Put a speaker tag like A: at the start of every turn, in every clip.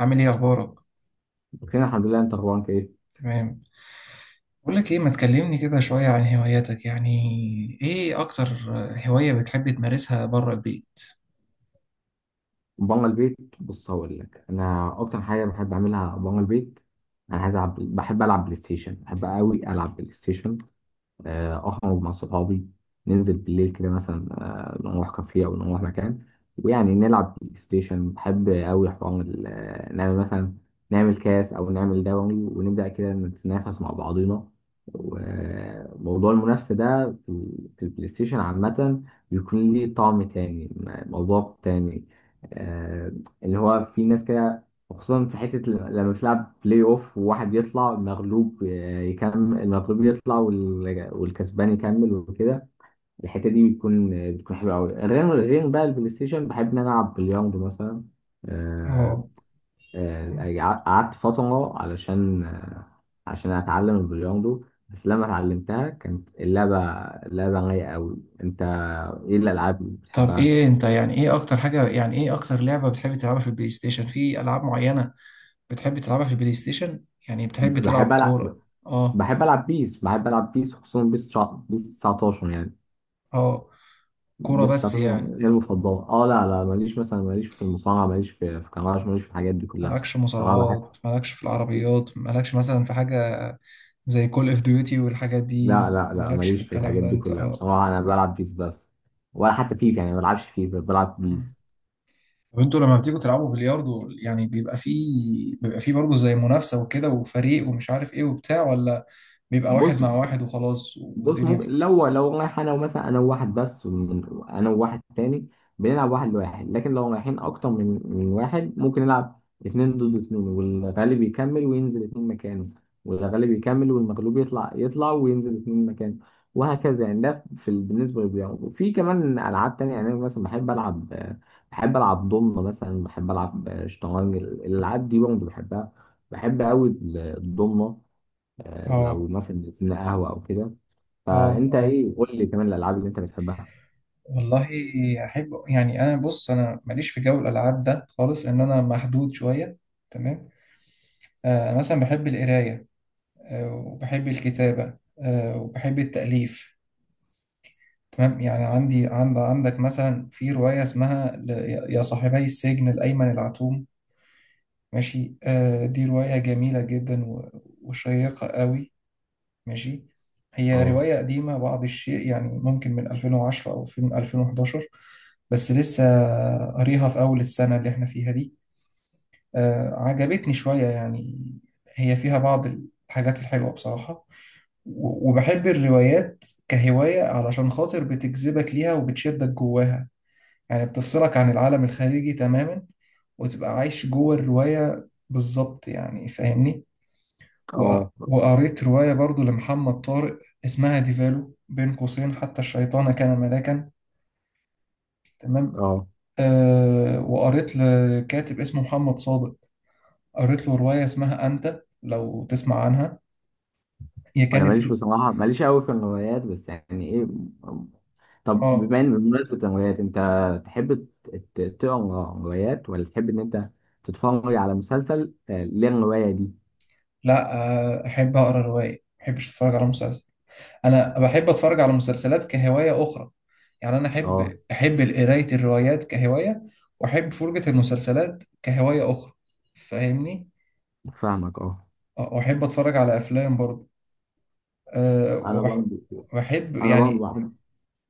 A: عامل ايه اخبارك؟
B: بخير الحمد لله، انت اخبارك ايه؟
A: تمام. بقول لك ايه، ما تكلمني كده شوية عن هواياتك؟ يعني ايه اكتر هواية بتحب تمارسها بره البيت؟
B: بره البيت، بص هقول لك انا اكتر حاجه بحب اعملها بره البيت. انا عايز العب، بحب العب بلاي ستيشن، بحب قوي العب بلاي ستيشن. آه، اخرج مع صحابي، ننزل بالليل كده مثلا، نروح كافيه او نروح مكان، ويعني نلعب بلاي ستيشن. بحب قوي حوار نعمل مثلا، نعمل كاس او نعمل دوري، ونبدا كده نتنافس مع بعضينا. وموضوع المنافسه ده في البلاي ستيشن عامه، بيكون ليه طعم تاني، مذاق تاني. آه، اللي هو في ناس كده، وخصوصا في حتة لما بتلعب بلاي اوف، وواحد يطلع، المغلوب يكمل، المغلوب يطلع والكسبان يكمل وكده. الحتة دي بتكون، بتكون حلوة أوي. غير بقى البلاي ستيشن، بحب إن أنا ألعب بلياردو مثلا. آه،
A: اه،
B: آه، قعدت فترة علشان، عشان أتعلم البلياردو، بس لما اتعلمتها كانت اللعبة، اللعبة رايقة أوي. أنت، إيه الألعاب اللي
A: طب
B: بتحبها؟
A: ايه انت، يعني ايه اكتر حاجة، يعني ايه اكتر لعبة بتحب تلعبها في البلاي ستيشن؟ في العاب معينة بتحب تلعبها في البلاي ستيشن؟ يعني بتحب تلعب
B: بحب
A: كورة؟
B: ألعب،
A: اه،
B: بحب ألعب بيس خصوصا بيس 19 يعني.
A: اه. كورة
B: بس
A: بس
B: هتصبح
A: يعني؟
B: غير مفضلة. اه، لا لا، ماليش مثلا، ماليش في المصارعة، ماليش في كمارش، ماليش في الحاجات دي كلها.
A: مالكش
B: بصراحة بحب
A: مصارعات؟ مالكش في العربيات؟ مالكش مثلا في حاجة زي كول اوف ديوتي والحاجات دي؟
B: لا لا لا،
A: مالكش في
B: ماليش في
A: الكلام
B: الحاجات
A: ده
B: دي
A: انت؟
B: كلها
A: اه.
B: بصراحة، أنا بلعب بيس بس. ولا حتى فيفا يعني، ما بلعبش فيفا، بلعب بيس.
A: طب انتوا لما بتيجوا تلعبوا بلياردو يعني بيبقى فيه، بيبقى فيه برضه زي منافسة وكده وفريق ومش عارف ايه وبتاع، ولا بيبقى واحد
B: بص
A: مع واحد وخلاص
B: بص ممكن،
A: والدنيا؟
B: لو رايح انا، ومثلا انا انا وواحد تاني، بنلعب واحد لواحد. لكن لو رايحين اكتر من واحد، ممكن نلعب اتنين ضد اتنين، والغالب يكمل وينزل اتنين مكانه. والغالب يكمل والمغلوب يطلع، وينزل اتنين مكانه. وهكذا يعني. بالنسبة للبيانو، وفي كمان ألعاب تانية يعني. أنا مثلا بحب ألعب ضمنة مثلا، بحب ألعب شطرنج، الألعاب دي برضه بحبها. بحب أوي الضمنة، لو
A: اه،
B: مثلا نزلنا قهوة أو كده.
A: اه،
B: فانت
A: اه.
B: ايه؟ قول لي كمان الالعاب اللي انت بتحبها.
A: والله احب يعني، انا بص، انا ماليش في جو الالعاب ده خالص، ان انا محدود شوية. تمام. انا مثلا بحب القراية. وبحب الكتابة. وبحب التأليف. تمام. يعني عندي، عند عندك مثلا في رواية اسمها يا صاحبي السجن، الأيمن العتوم. ماشي. دي رواية جميلة جدا وشيقة قوي. ماشي. هي
B: اه
A: رواية قديمة بعض الشيء، يعني ممكن من 2010 أو من 2011. بس لسه قاريها في أول السنة اللي احنا فيها دي. عجبتني شوية يعني. هي فيها بعض الحاجات الحلوة بصراحة. وبحب الروايات كهواية، علشان خاطر بتجذبك ليها وبتشدك جواها. يعني بتفصلك عن العالم الخارجي تماما، وتبقى عايش جوه الرواية بالظبط. يعني فاهمني؟ و-
B: اه
A: وقريت رواية برضو لمحمد طارق، اسمها ديفالو بين قوسين حتى الشيطان كان ملاكا. تمام.
B: اه،
A: أه، وقريت لكاتب اسمه محمد صادق، قريت له رواية اسمها أنت، لو تسمع عنها. هي
B: انا
A: كانت
B: ماليش بصراحه، ماليش قوي في الروايات، بس يعني ايه. طب
A: اه.
B: بما ان، بمناسبه الروايات، انت تحب تقرا روايات، ولا تحب ان انت تتفرج على مسلسل للروايه دي؟
A: لا. أحب أقرأ رواية، ما بحبش أتفرج على مسلسل. انا بحب اتفرج على مسلسلات كهوايه اخرى. يعني انا
B: اه،
A: احب، احب قرايه الروايات كهوايه، واحب فرجه المسلسلات كهوايه اخرى. فاهمني؟
B: فاهمك اه.
A: واحب اتفرج على افلام برضه. أه
B: انا
A: وبح
B: برضه،
A: بحب
B: انا
A: يعني.
B: برضه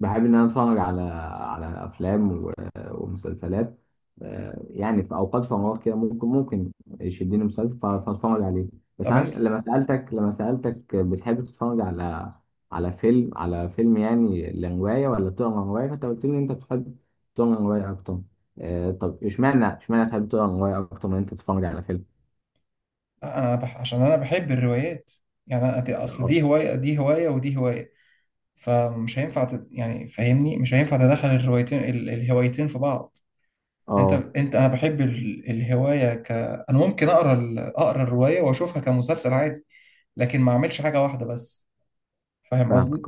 B: بحب ان انا اتفرج على، على افلام ومسلسلات. يعني في اوقات فراغ كده، ممكن يشدني مسلسل فاتفرج عليه. بس
A: طب
B: انا،
A: انت،
B: لما سالتك، لما سالتك بتحب تتفرج على، على فيلم، على فيلم يعني لروايه، ولا تقرا روايه، فانت قلت لي انت بتحب تقرا روايه اكتر. طب اشمعنى، اشمعنى تحب تقرا روايه اكتر من انت تتفرج على فيلم؟
A: انا عشان انا بحب الروايات. يعني أنا اصل
B: اه
A: دي هوايه، دي هوايه، ودي هوايه. فمش هينفع يعني فاهمني، مش هينفع تدخل الروايتين الهوايتين في بعض. انت
B: اه،
A: انت انا بحب الهوايه، ك انا ممكن اقرا اقرا الروايه واشوفها كمسلسل عادي، لكن ما اعملش حاجه واحده بس. فاهم
B: فاهمك
A: قصدي؟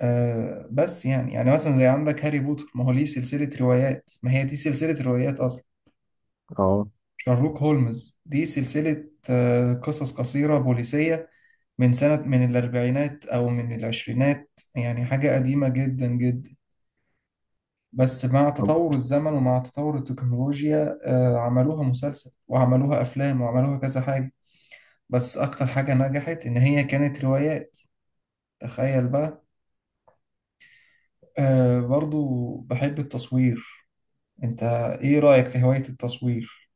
A: آه، بس يعني، يعني مثلا زي عندك هاري بوتر، ما هو ليه سلسله روايات، ما هي دي سلسله روايات اصلا.
B: اه.
A: شارلوك هولمز دي سلسله، آه، قصص قصيره بوليسيه من سنه، من الاربعينات او من العشرينات، يعني حاجه قديمه جدا جدا. بس مع
B: طب
A: تطور الزمن ومع تطور التكنولوجيا عملوها مسلسل وعملوها أفلام وعملوها كذا حاجة. بس أكتر حاجة نجحت إن هي كانت روايات. تخيل بقى. برضو بحب التصوير. أنت إيه رأيك في هواية التصوير؟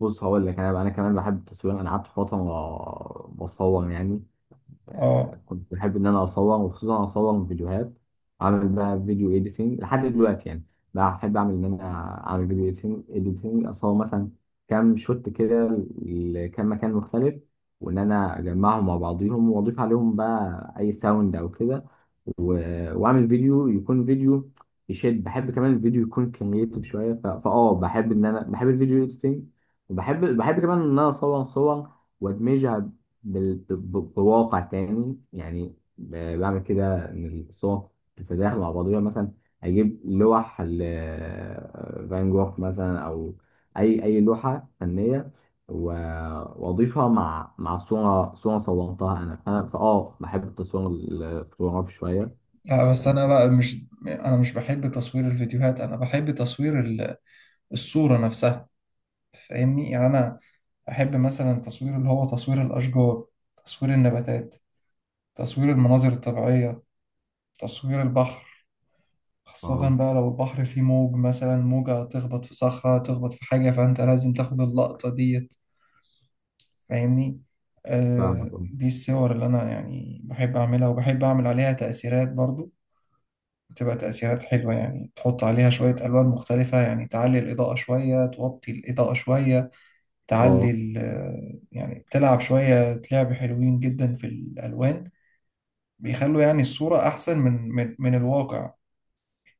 B: بص هقول لك، انا كمان بحب التصوير. انا قعدت فتره بصور يعني.
A: آه.
B: كنت بحب ان انا اصور، وخصوصا اصور فيديوهات. اعمل بقى فيديو اديتنج لحد دلوقتي يعني. بحب اعمل ان انا اعمل فيديو، اديتنج، اصور مثلا كام شوت كده لكام مكان مختلف، وان انا اجمعهم مع بعضيهم، واضيف عليهم بقى اي ساوند او كده، واعمل فيديو، يكون فيديو يشد. بحب كمان الفيديو يكون كرييتيف شويه، ف- فاه بحب ان انا، بحب الفيديو اديتنج. وبحب كمان ان انا اصور صور، وادمجها بواقع تاني يعني، بعمل كده ان الصور تتداخل مع بعضها مثلا. اجيب لوح فان جوخ مثلا، او اي لوحه فنيه، و- واضيفها مع، مع صوره صورتها انا. انا فاه بحب التصوير الفوتوغرافي شويه.
A: لا بس أنا بقى، مش بحب تصوير الفيديوهات، أنا بحب تصوير الصورة نفسها. فاهمني؟ يعني أنا أحب مثلا تصوير اللي هو تصوير الأشجار، تصوير النباتات، تصوير المناظر الطبيعية، تصوير البحر. خاصة
B: اه،
A: بقى لو البحر فيه موج، مثلا موجة تخبط في صخرة، تخبط في حاجة، فأنت لازم تاخد اللقطة ديت. فاهمني؟ آه،
B: فاهمك اه.
A: دي الصور اللي أنا يعني بحب أعملها، وبحب أعمل عليها تأثيرات برضو. بتبقى تأثيرات حلوة، يعني تحط عليها شوية ألوان مختلفة، يعني تعلي الإضاءة شوية، توطي الإضاءة شوية، تعلي
B: آه.
A: يعني تلعب شوية لعب حلوين جدا في الألوان. بيخلوا يعني الصورة أحسن من الواقع.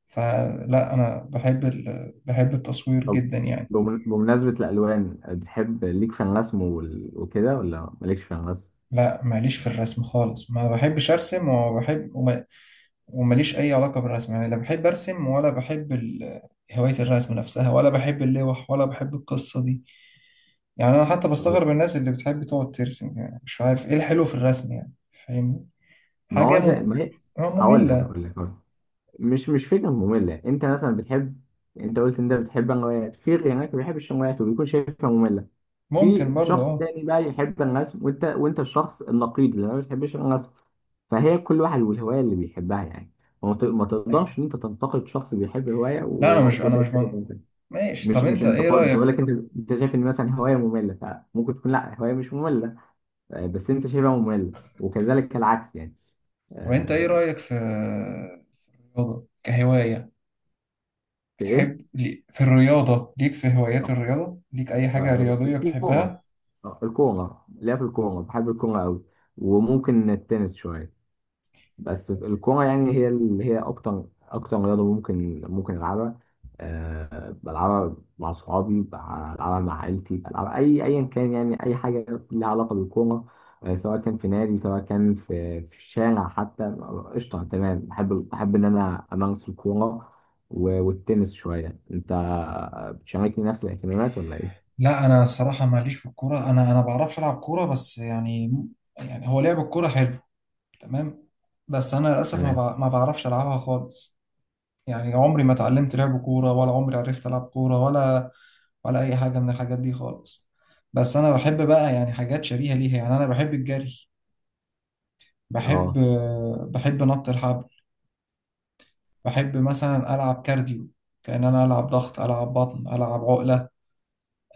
A: فلا، انا بحب التصوير
B: طب
A: جدا يعني.
B: بمناسبة الألوان، بتحب ليك في الرسم وكده، ولا مالكش في الرسم؟
A: لا، ماليش في الرسم خالص، ما بحبش ارسم، وماليش اي علاقة بالرسم يعني. لا بحب ارسم هواية الرسم نفسها، ولا بحب اللوح، ولا بحب القصة دي. يعني انا حتى
B: طيب،
A: بستغرب الناس اللي بتحب تقعد ترسم، يعني مش عارف ايه الحلو في الرسم يعني. فاهمني؟
B: ما
A: حاجة
B: هو زي
A: م...
B: ما هي.
A: آه،
B: هقول لك
A: مملة.
B: هقول لك مش فكرة مملة. انت مثلا بتحب، انت قلت ان انت بتحب الروايات، في غيرك ما بيحبش الروايات وبيكون شايفها مملة. في
A: ممكن برضو،
B: شخص
A: اه.
B: تاني بقى يحب الرسم، وانت الشخص النقيض اللي ما بيحبش الرسم. فهي كل واحد والهواية اللي بيحبها يعني. ما
A: ايوه.
B: تقدرش ان انت تنتقد شخص بيحب هواية،
A: لا انا مش،
B: وانت بتحب هواية.
A: ماشي.
B: مش
A: طب
B: مش
A: انت ايه
B: انتقاد، بس بقول
A: رأيك،
B: لك انت، انت شايف ان مثلا هواية مملة، فممكن تكون لا، هواية مش مملة، بس انت شايفها مملة، وكذلك العكس يعني.
A: طب انت ايه
B: آه،
A: رأيك في رياضة كهواية؟
B: في ايه؟
A: بتحب في الرياضة ليك، في هوايات
B: آه.
A: الرياضة ليك أي حاجة
B: آه،
A: رياضية
B: الكورة.
A: بتحبها؟
B: الكورة ليا. في الكورة، بحب الكورة أوي، وممكن التنس شوية. بس الكورة يعني هي اللي هي أكتر، أكتر رياضة ممكن ألعبها. أه، بلعبها مع صحابي، بلعبها مع عائلتي، بلعبها أي أيا كان يعني، أي حاجة ليها علاقة بالكورة. سواء كان في نادي، سواء كان في الشارع حتى. قشطة تمام. بحب إن أنا أمارس الكورة والتنس شوية. أنت بتشاركني نفس الاهتمامات ولا إيه؟
A: لا انا الصراحه ماليش في الكوره، انا بعرفش العب كوره. بس يعني، يعني هو لعب الكوره حلو، تمام. بس انا للاسف
B: تمام.
A: ما بعرفش العبها خالص. يعني عمري ما اتعلمت لعب كوره، ولا عمري عرفت العب كوره، ولا ولا اي حاجه من الحاجات دي خالص. بس انا بحب بقى يعني حاجات شبيهه ليها. يعني انا بحب الجري، بحب
B: اه
A: بحب نط الحبل، بحب مثلا ألعب كارديو، كأن أنا ألعب ضغط، ألعب بطن، ألعب عقلة.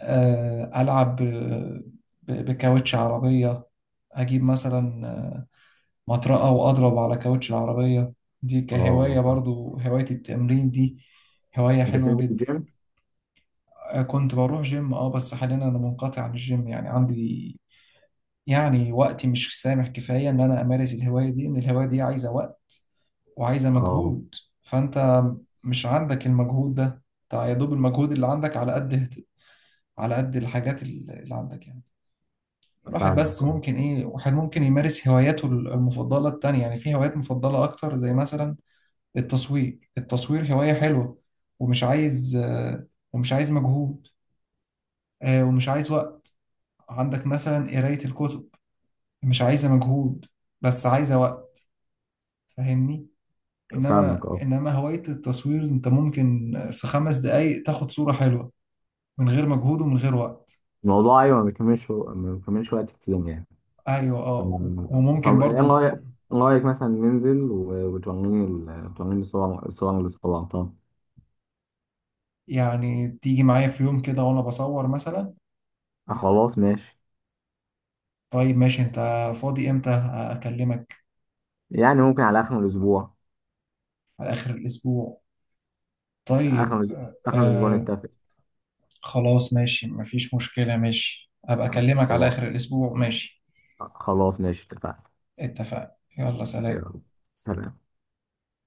A: ألعب بكاوتش عربية. أجيب مثلا مطرقة وأضرب على كاوتش العربية. دي
B: اه.
A: كهواية
B: فاهم.
A: برضو، هواية التمرين دي هواية
B: انت
A: حلوة
B: بتنزل
A: جدا.
B: الجيم؟
A: كنت بروح جيم اه، بس حاليا أنا منقطع عن الجيم. يعني عندي، يعني وقتي مش سامح كفاية إن أنا أمارس الهواية دي، إن الهواية دي عايزة وقت وعايزة
B: اه،
A: مجهود. فأنت مش عندك المجهود ده، أنت يا دوب المجهود اللي عندك على قد، على قد الحاجات اللي عندك يعني. الواحد بس
B: فاهمك اه.
A: ممكن إيه، واحد ممكن يمارس هواياته المفضلة التانية، يعني في هوايات مفضلة أكتر زي مثلا التصوير. التصوير هواية حلوة، ومش عايز ومش عايز مجهود، ومش عايز وقت. عندك مثلا قراية الكتب، مش عايزة مجهود، بس عايزة وقت. فاهمني؟
B: فاهمك
A: انما
B: اه.
A: انما هواية التصوير انت ممكن في خمس دقايق تاخد صورة حلوة، من غير مجهود ومن غير وقت.
B: الموضوع، ايوه، ما بيكملش وقت كتير يعني.
A: ايوه اه.
B: تمام.
A: وممكن
B: طب ايه
A: برضو
B: رايك، ايه رايك مثلا ننزل وتوريني وتوريني الصور، الصور اللي صورتها؟
A: يعني تيجي معايا في يوم كده وانا بصور مثلا.
B: آه خلاص ماشي.
A: طيب ماشي. انت فاضي امتى اكلمك؟
B: يعني ممكن على اخر الاسبوع.
A: على اخر الاسبوع. طيب،
B: اخر الأس- اخر الاسبوع نتفق.
A: خلاص ماشي، مفيش مشكلة، ماشي، ابقى
B: آه
A: اكلمك على
B: خلاص.
A: اخر الاسبوع، ماشي.
B: آه خلاص ماشي، اتفقنا.
A: اتفقنا. يلا، سلام.
B: يلا سلام.